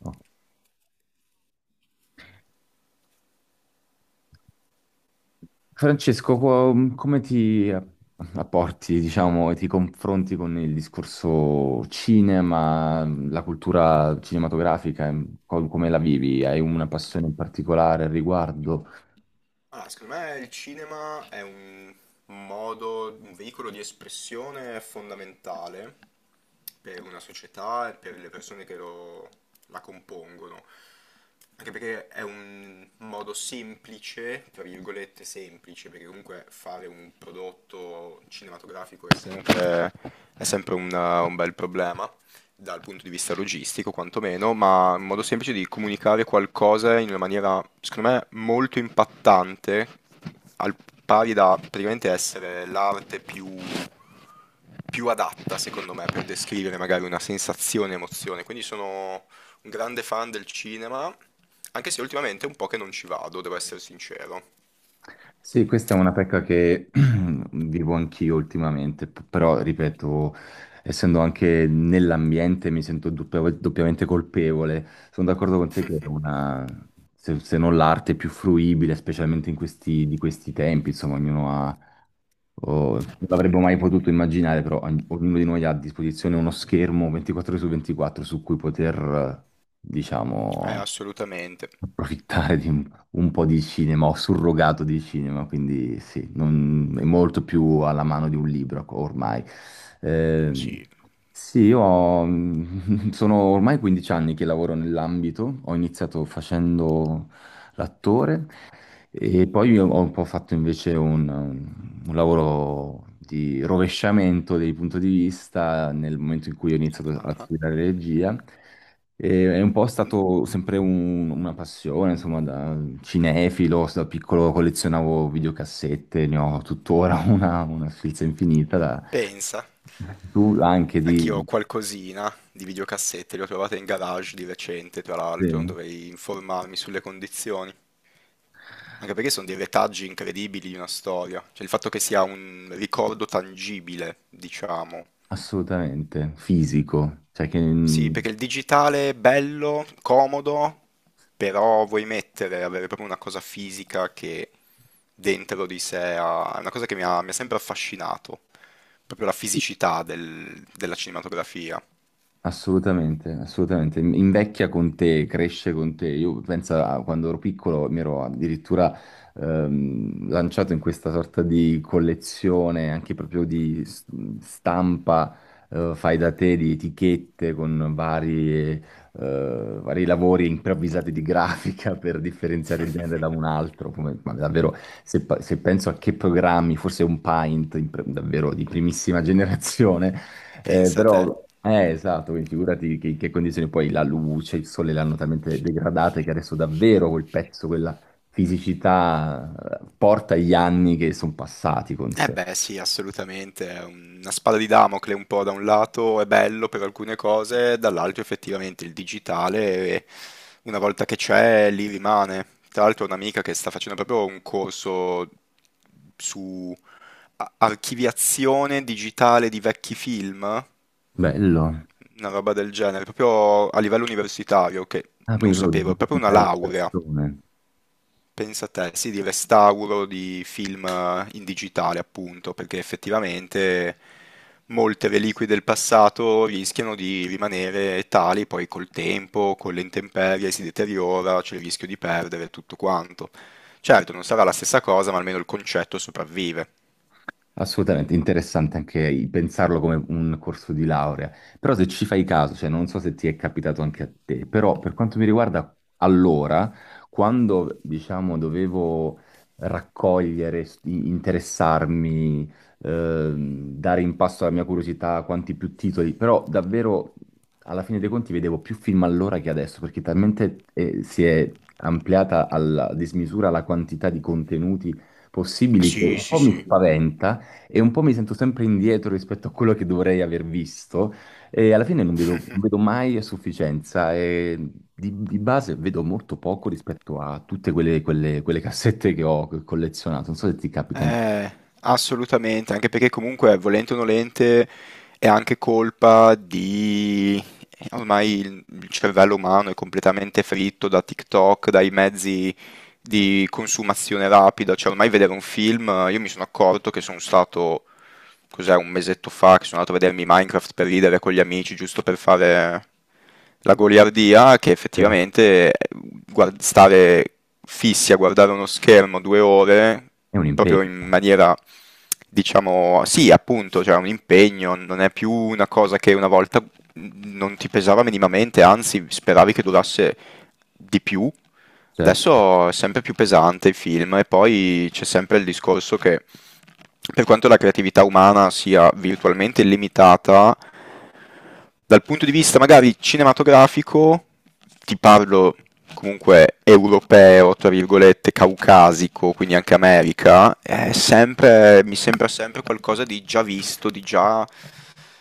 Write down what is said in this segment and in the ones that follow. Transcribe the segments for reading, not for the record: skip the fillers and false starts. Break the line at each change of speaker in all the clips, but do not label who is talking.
No. Francesco, come ti apporti, diciamo, e ti confronti con il discorso cinema, la cultura cinematografica, come la vivi? Hai una passione in particolare al riguardo?
Ah, secondo me il cinema è un modo, un veicolo di espressione fondamentale per una società e per le persone che la compongono. Anche perché è un modo semplice, tra virgolette semplice, perché comunque fare un prodotto cinematografico è sempre un bel problema dal punto di vista logistico quantomeno, ma in modo semplice di comunicare qualcosa in una maniera, secondo me, molto impattante, al pari da praticamente essere l'arte più adatta, secondo me, per descrivere magari una sensazione, emozione. Quindi sono un grande fan del cinema, anche se ultimamente è un po' che non ci vado, devo essere sincero.
Sì, questa è una pecca che vivo anch'io ultimamente, però ripeto, essendo anche nell'ambiente mi sento doppiamente colpevole. Sono d'accordo con te che è una, se non l'arte più fruibile, specialmente in questi, di questi tempi, insomma, ognuno ha, non l'avremmo mai potuto immaginare, però ognuno di noi ha a disposizione uno schermo 24 ore su 24 su cui poter, eh, diciamo,
Assolutamente.
approfittare di un po' di cinema, ho surrogato di cinema, quindi sì, è molto più alla mano di un libro ormai. Eh,
Sì.
sì, sono ormai 15 anni che lavoro nell'ambito, ho iniziato facendo l'attore e poi io ho un po' fatto invece un lavoro di rovesciamento del punto di vista nel momento in cui ho iniziato a
Ah.
studiare regia. E è un po' stato sempre una passione, insomma, da cinefilo, da piccolo collezionavo videocassette, ne ho tuttora una sfilza infinita.
Pensa.
Tu anche
Anch'io ho
di...
qualcosina di videocassette, le ho trovate in garage di recente, tra l'altro,
sì,
dovrei informarmi sulle condizioni. Anche perché sono dei retaggi incredibili di una storia, cioè il fatto che sia un ricordo tangibile, diciamo.
assolutamente, fisico, cioè che...
Sì, perché il digitale è bello, comodo, però vuoi mettere, avere proprio una cosa fisica che dentro di sé è una cosa che mi ha sempre affascinato, proprio la fisicità della cinematografia.
Assolutamente, assolutamente. Invecchia con te, cresce con te. Io penso a quando ero piccolo mi ero addirittura lanciato in questa sorta di collezione anche proprio di stampa fai da te, di etichette con vari lavori improvvisati di grafica per differenziare il genere da un altro. Come, ma davvero, se penso a che programmi, forse un Paint in davvero di primissima generazione
Pensa a te.
però, esatto, quindi figurati che condizioni, poi la luce, il sole l'hanno talmente degradata che adesso davvero quel pezzo, quella fisicità porta gli anni che sono passati con
Eh
sé.
beh, sì, assolutamente, è una spada di Damocle un po' da un lato è bello per alcune cose, dall'altro effettivamente il digitale una volta che c'è lì rimane. Tra l'altro ho un'amica che sta facendo proprio un corso su archiviazione digitale di vecchi film,
Bello.
una roba del genere, proprio a livello universitario che
Ah,
non
quindi proprio
sapevo, è proprio una laurea.
digitalizzazione.
Pensa a te, sì, di restauro di film in digitale, appunto, perché effettivamente molte reliquie del passato rischiano di rimanere tali, poi col tempo, con le intemperie si deteriora, c'è il rischio di perdere tutto quanto. Certo, non sarà la stessa cosa, ma almeno il concetto sopravvive.
Assolutamente, interessante anche pensarlo come un corso di laurea. Però se ci fai caso, cioè non so se ti è capitato anche a te, però per quanto mi riguarda, allora, quando diciamo dovevo raccogliere, interessarmi, dare in passo alla mia curiosità quanti più titoli, però davvero alla fine dei conti vedevo più film allora che adesso, perché talmente si è ampliata alla dismisura la quantità di contenuti possibili che
Sì,
un
sì,
po' mi
sì.
spaventa e un po' mi sento sempre indietro rispetto a quello che dovrei aver visto e alla fine non vedo mai a sufficienza e di base vedo molto poco rispetto a tutte quelle cassette che ho collezionato. Non so se ti capita anche
Eh, assolutamente, anche perché comunque, volente o nolente, è anche colpa Ormai il cervello umano è completamente fritto da TikTok, dai mezzi
a
di consumazione rapida, cioè ormai vedere un film, io mi sono accorto che sono stato cos'è, un mesetto fa che sono andato a vedermi Minecraft per ridere con gli amici, giusto per fare la goliardia, che
te.
effettivamente stare fissi a guardare uno schermo 2 ore,
È un impegno,
proprio in maniera, diciamo, sì, appunto, cioè un impegno, non è più una cosa che una volta non ti pesava minimamente, anzi, speravi che durasse di più.
certo,
Adesso è sempre più pesante il film e poi c'è sempre il discorso che per quanto la creatività umana sia virtualmente limitata, dal punto di vista magari cinematografico, ti parlo comunque europeo, tra virgolette, caucasico, quindi anche America, è
sì,
sempre, mi sembra sempre qualcosa di già visto, di già,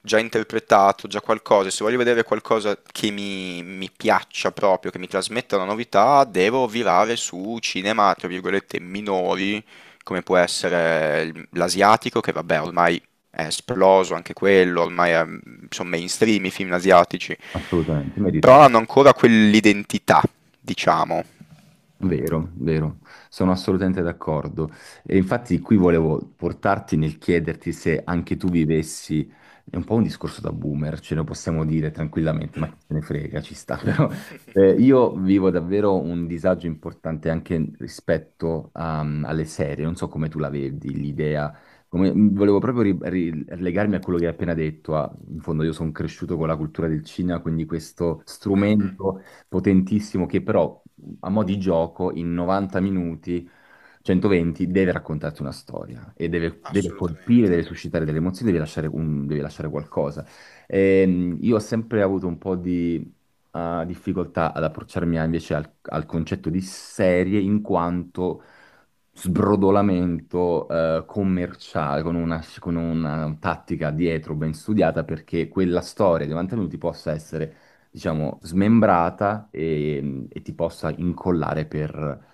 già interpretato, già qualcosa. Se voglio vedere qualcosa che mi piaccia proprio, che mi trasmetta una novità, devo virare su cinema, tra virgolette, minori come può essere l'asiatico, che vabbè ormai è esploso anche quello, ormai sono mainstream i film asiatici,
assolutamente,
però
meritato.
hanno ancora quell'identità, diciamo.
Vero, vero, sono assolutamente d'accordo. E infatti qui volevo portarti nel chiederti se anche tu vivessi, è un po' un discorso da boomer, ce lo possiamo dire tranquillamente, ma chi se ne frega, ci sta, però io vivo davvero un disagio importante anche rispetto alle serie, non so come tu la vedi, l'idea, volevo proprio legarmi a potentissimo che però a mo' di gioco in 90 minuti, 120, deve raccontarti una storia e deve colpire, deve
Assolutamente,
suscitare delle emozioni, deve lasciare, deve lasciare qualcosa. Io ho sempre avuto un po' di difficoltà ad approcciarmi invece al concetto di serie in quanto sbrodolamento commerciale, con una tattica dietro ben studiata perché quella storia di mantenuti possa essere, diciamo, smembrata e ti possa incollare per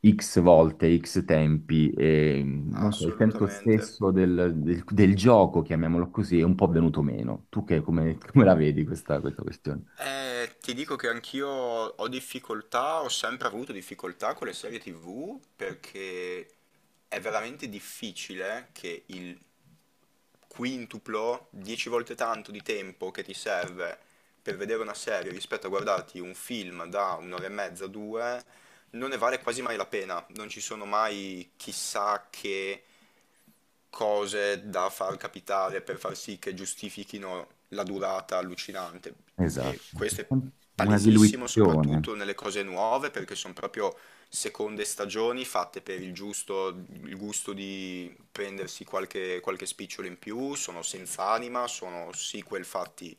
X volte, X tempi e non so, il senso
assolutamente.
stesso del gioco, chiamiamolo così, è un po' venuto meno. Tu come la vedi questa questione?
Ti dico che anch'io ho difficoltà, ho sempre avuto difficoltà con le serie TV perché è veramente difficile che il quintuplo, 10 volte tanto di tempo che ti serve per vedere una serie rispetto a guardarti un film da un'ora e mezza, due, non ne vale quasi mai la pena, non ci sono mai chissà che cose da far capitare per far sì che giustifichino la durata allucinante.
Esatto,
E questo è
una
palesissimo,
diluizione.
soprattutto nelle cose nuove, perché sono proprio seconde stagioni fatte per il gusto di prendersi qualche spicciolo in più, sono senza anima, sono sequel fatti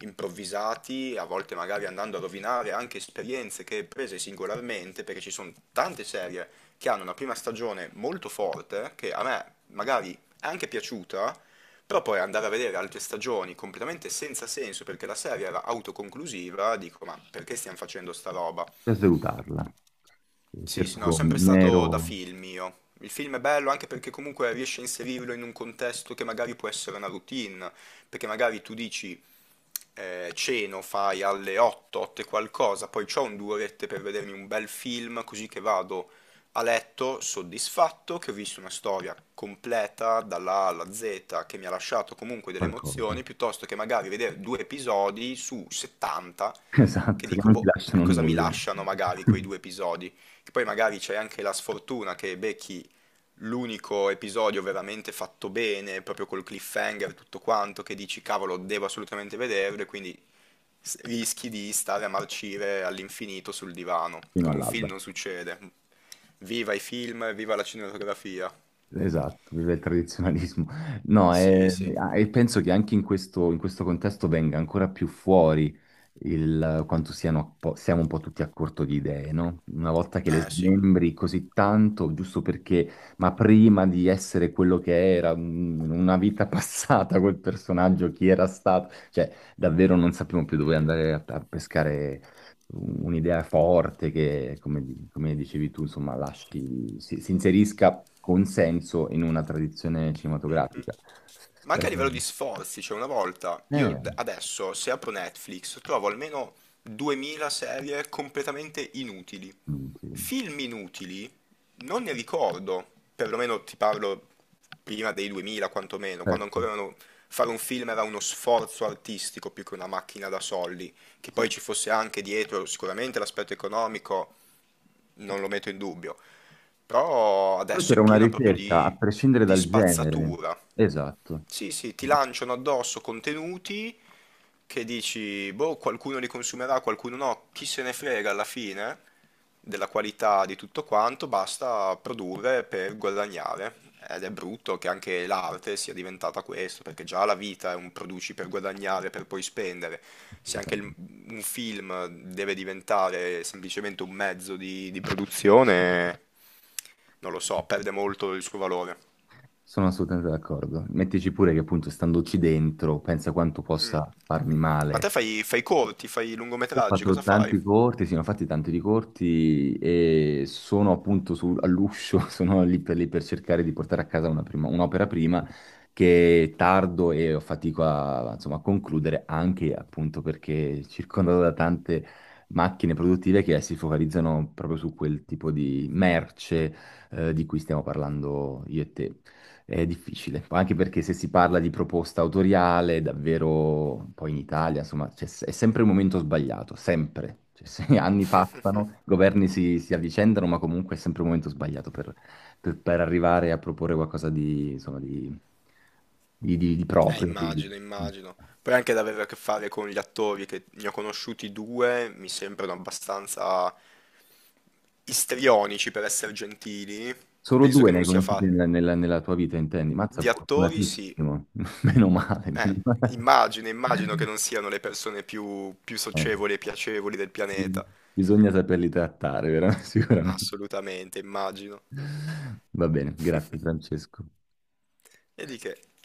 improvvisati, a volte magari andando a rovinare anche esperienze che prese singolarmente, perché ci sono tante serie che hanno una prima stagione molto forte, che a me magari è anche piaciuta, però poi andare a vedere altre stagioni completamente senza senso perché la serie era autoconclusiva, dico ma perché stiamo facendo sta roba?
Per salutarla,
Sì,
per
sì, no,
puro
sempre stato da
mero
film io. Il film è bello anche perché comunque riesce a inserirlo in un contesto che magari può essere una routine, perché magari tu dici ceno, fai alle 8, 8 e qualcosa, poi c'ho un due orette per vedermi un bel film, così che vado a letto soddisfatto, che ho visto una storia completa dalla A alla Z, che mi ha lasciato comunque delle
qualcosa.
emozioni, piuttosto che magari vedere due episodi su 70, che
Esatto, che
dico,
non ti
boh,
lasciano
cosa mi
nulla
lasciano magari quei due episodi? Che poi magari c'è anche la sfortuna che becchi l'unico episodio veramente fatto bene, proprio col cliffhanger, tutto quanto, che dici cavolo, devo assolutamente vederlo e quindi rischi di stare a marcire all'infinito sul divano.
fino
Con un film
all'alba.
non succede. Viva i film, viva la cinematografia.
Esatto, vive il tradizionalismo. No,
Sì,
e,
sì.
e penso che anche in questo contesto venga ancora più fuori il quanto siano, siamo un po' tutti a corto di idee, no? Una volta che le
Eh sì.
smembri così tanto, giusto perché, ma prima di essere quello che era, in una vita passata, quel personaggio, chi era stato, cioè davvero non sappiamo più dove andare a pescare un'idea forte che, come, come dicevi tu, insomma, lasci, si inserisca con senso in una tradizione cinematografica.
Ma anche
Eh,
a livello di sforzi, cioè una volta,
eh,
io adesso se apro Netflix trovo almeno 2000 serie completamente inutili.
mm, sì,
Film inutili non ne ricordo, perlomeno ti parlo prima dei 2000 quantomeno, quando
certo.
ancora fare un film era uno sforzo artistico più che una macchina da soldi, che
Sì,
poi
sì,
ci fosse anche dietro sicuramente l'aspetto economico, non lo metto in dubbio, però
però
adesso è
c'era una
pieno proprio
ricerca,
di
a prescindere
di
dal genere.
spazzatura.
Esatto.
Sì, sì, ti
Vabbè,
lanciano addosso contenuti che dici, boh, qualcuno li consumerà, qualcuno no, chi se ne frega alla fine della qualità di tutto quanto, basta produrre per guadagnare. Ed è brutto che anche l'arte sia diventata questo, perché già la vita è un produci per guadagnare, per poi spendere. Se anche
assolutamente.
un film deve diventare semplicemente un mezzo di produzione, non lo so, perde molto il suo valore.
Sono assolutamente d'accordo. Mettici pure che appunto, standoci dentro, pensa quanto possa farmi
Ma te
male.
fai corti, fai
Io ho
lungometraggi,
fatto
cosa fai?
tanti corti, sì, ne ho fatti tanti di corti e sono appunto all'uscio, sono lì per cercare di portare a casa una un'opera prima che tardo e ho fatico a, insomma, a concludere anche appunto perché circondato da tante macchine produttive che si focalizzano proprio su quel tipo di merce di cui stiamo parlando io e te. È difficile, poi anche perché se si parla di proposta autoriale, davvero poi in Italia, insomma, è sempre il momento sbagliato, sempre. Cioè, se anni passano, governi si avvicendano, ma comunque è sempre il momento sbagliato per arrivare a proporre qualcosa di, insomma, di proprio.
Immagino, immagino. Poi anche ad avere a che fare con gli attori, che ne ho conosciuti due, mi sembrano abbastanza istrionici per essere gentili.
Solo
Penso
due
che
ne hai
non sia
conosciuti
fa...
nella tua vita, intendi? Mazza,
Di attori, sì.
fortunatissimo. Meno male,
Eh,
meno male.
immagino, immagino che non siano le persone più
Eh,
socievoli e piacevoli del pianeta.
bisogna saperli trattare, veramente, sicuramente.
Assolutamente, immagino.
Va bene, grazie Francesco.
E di che?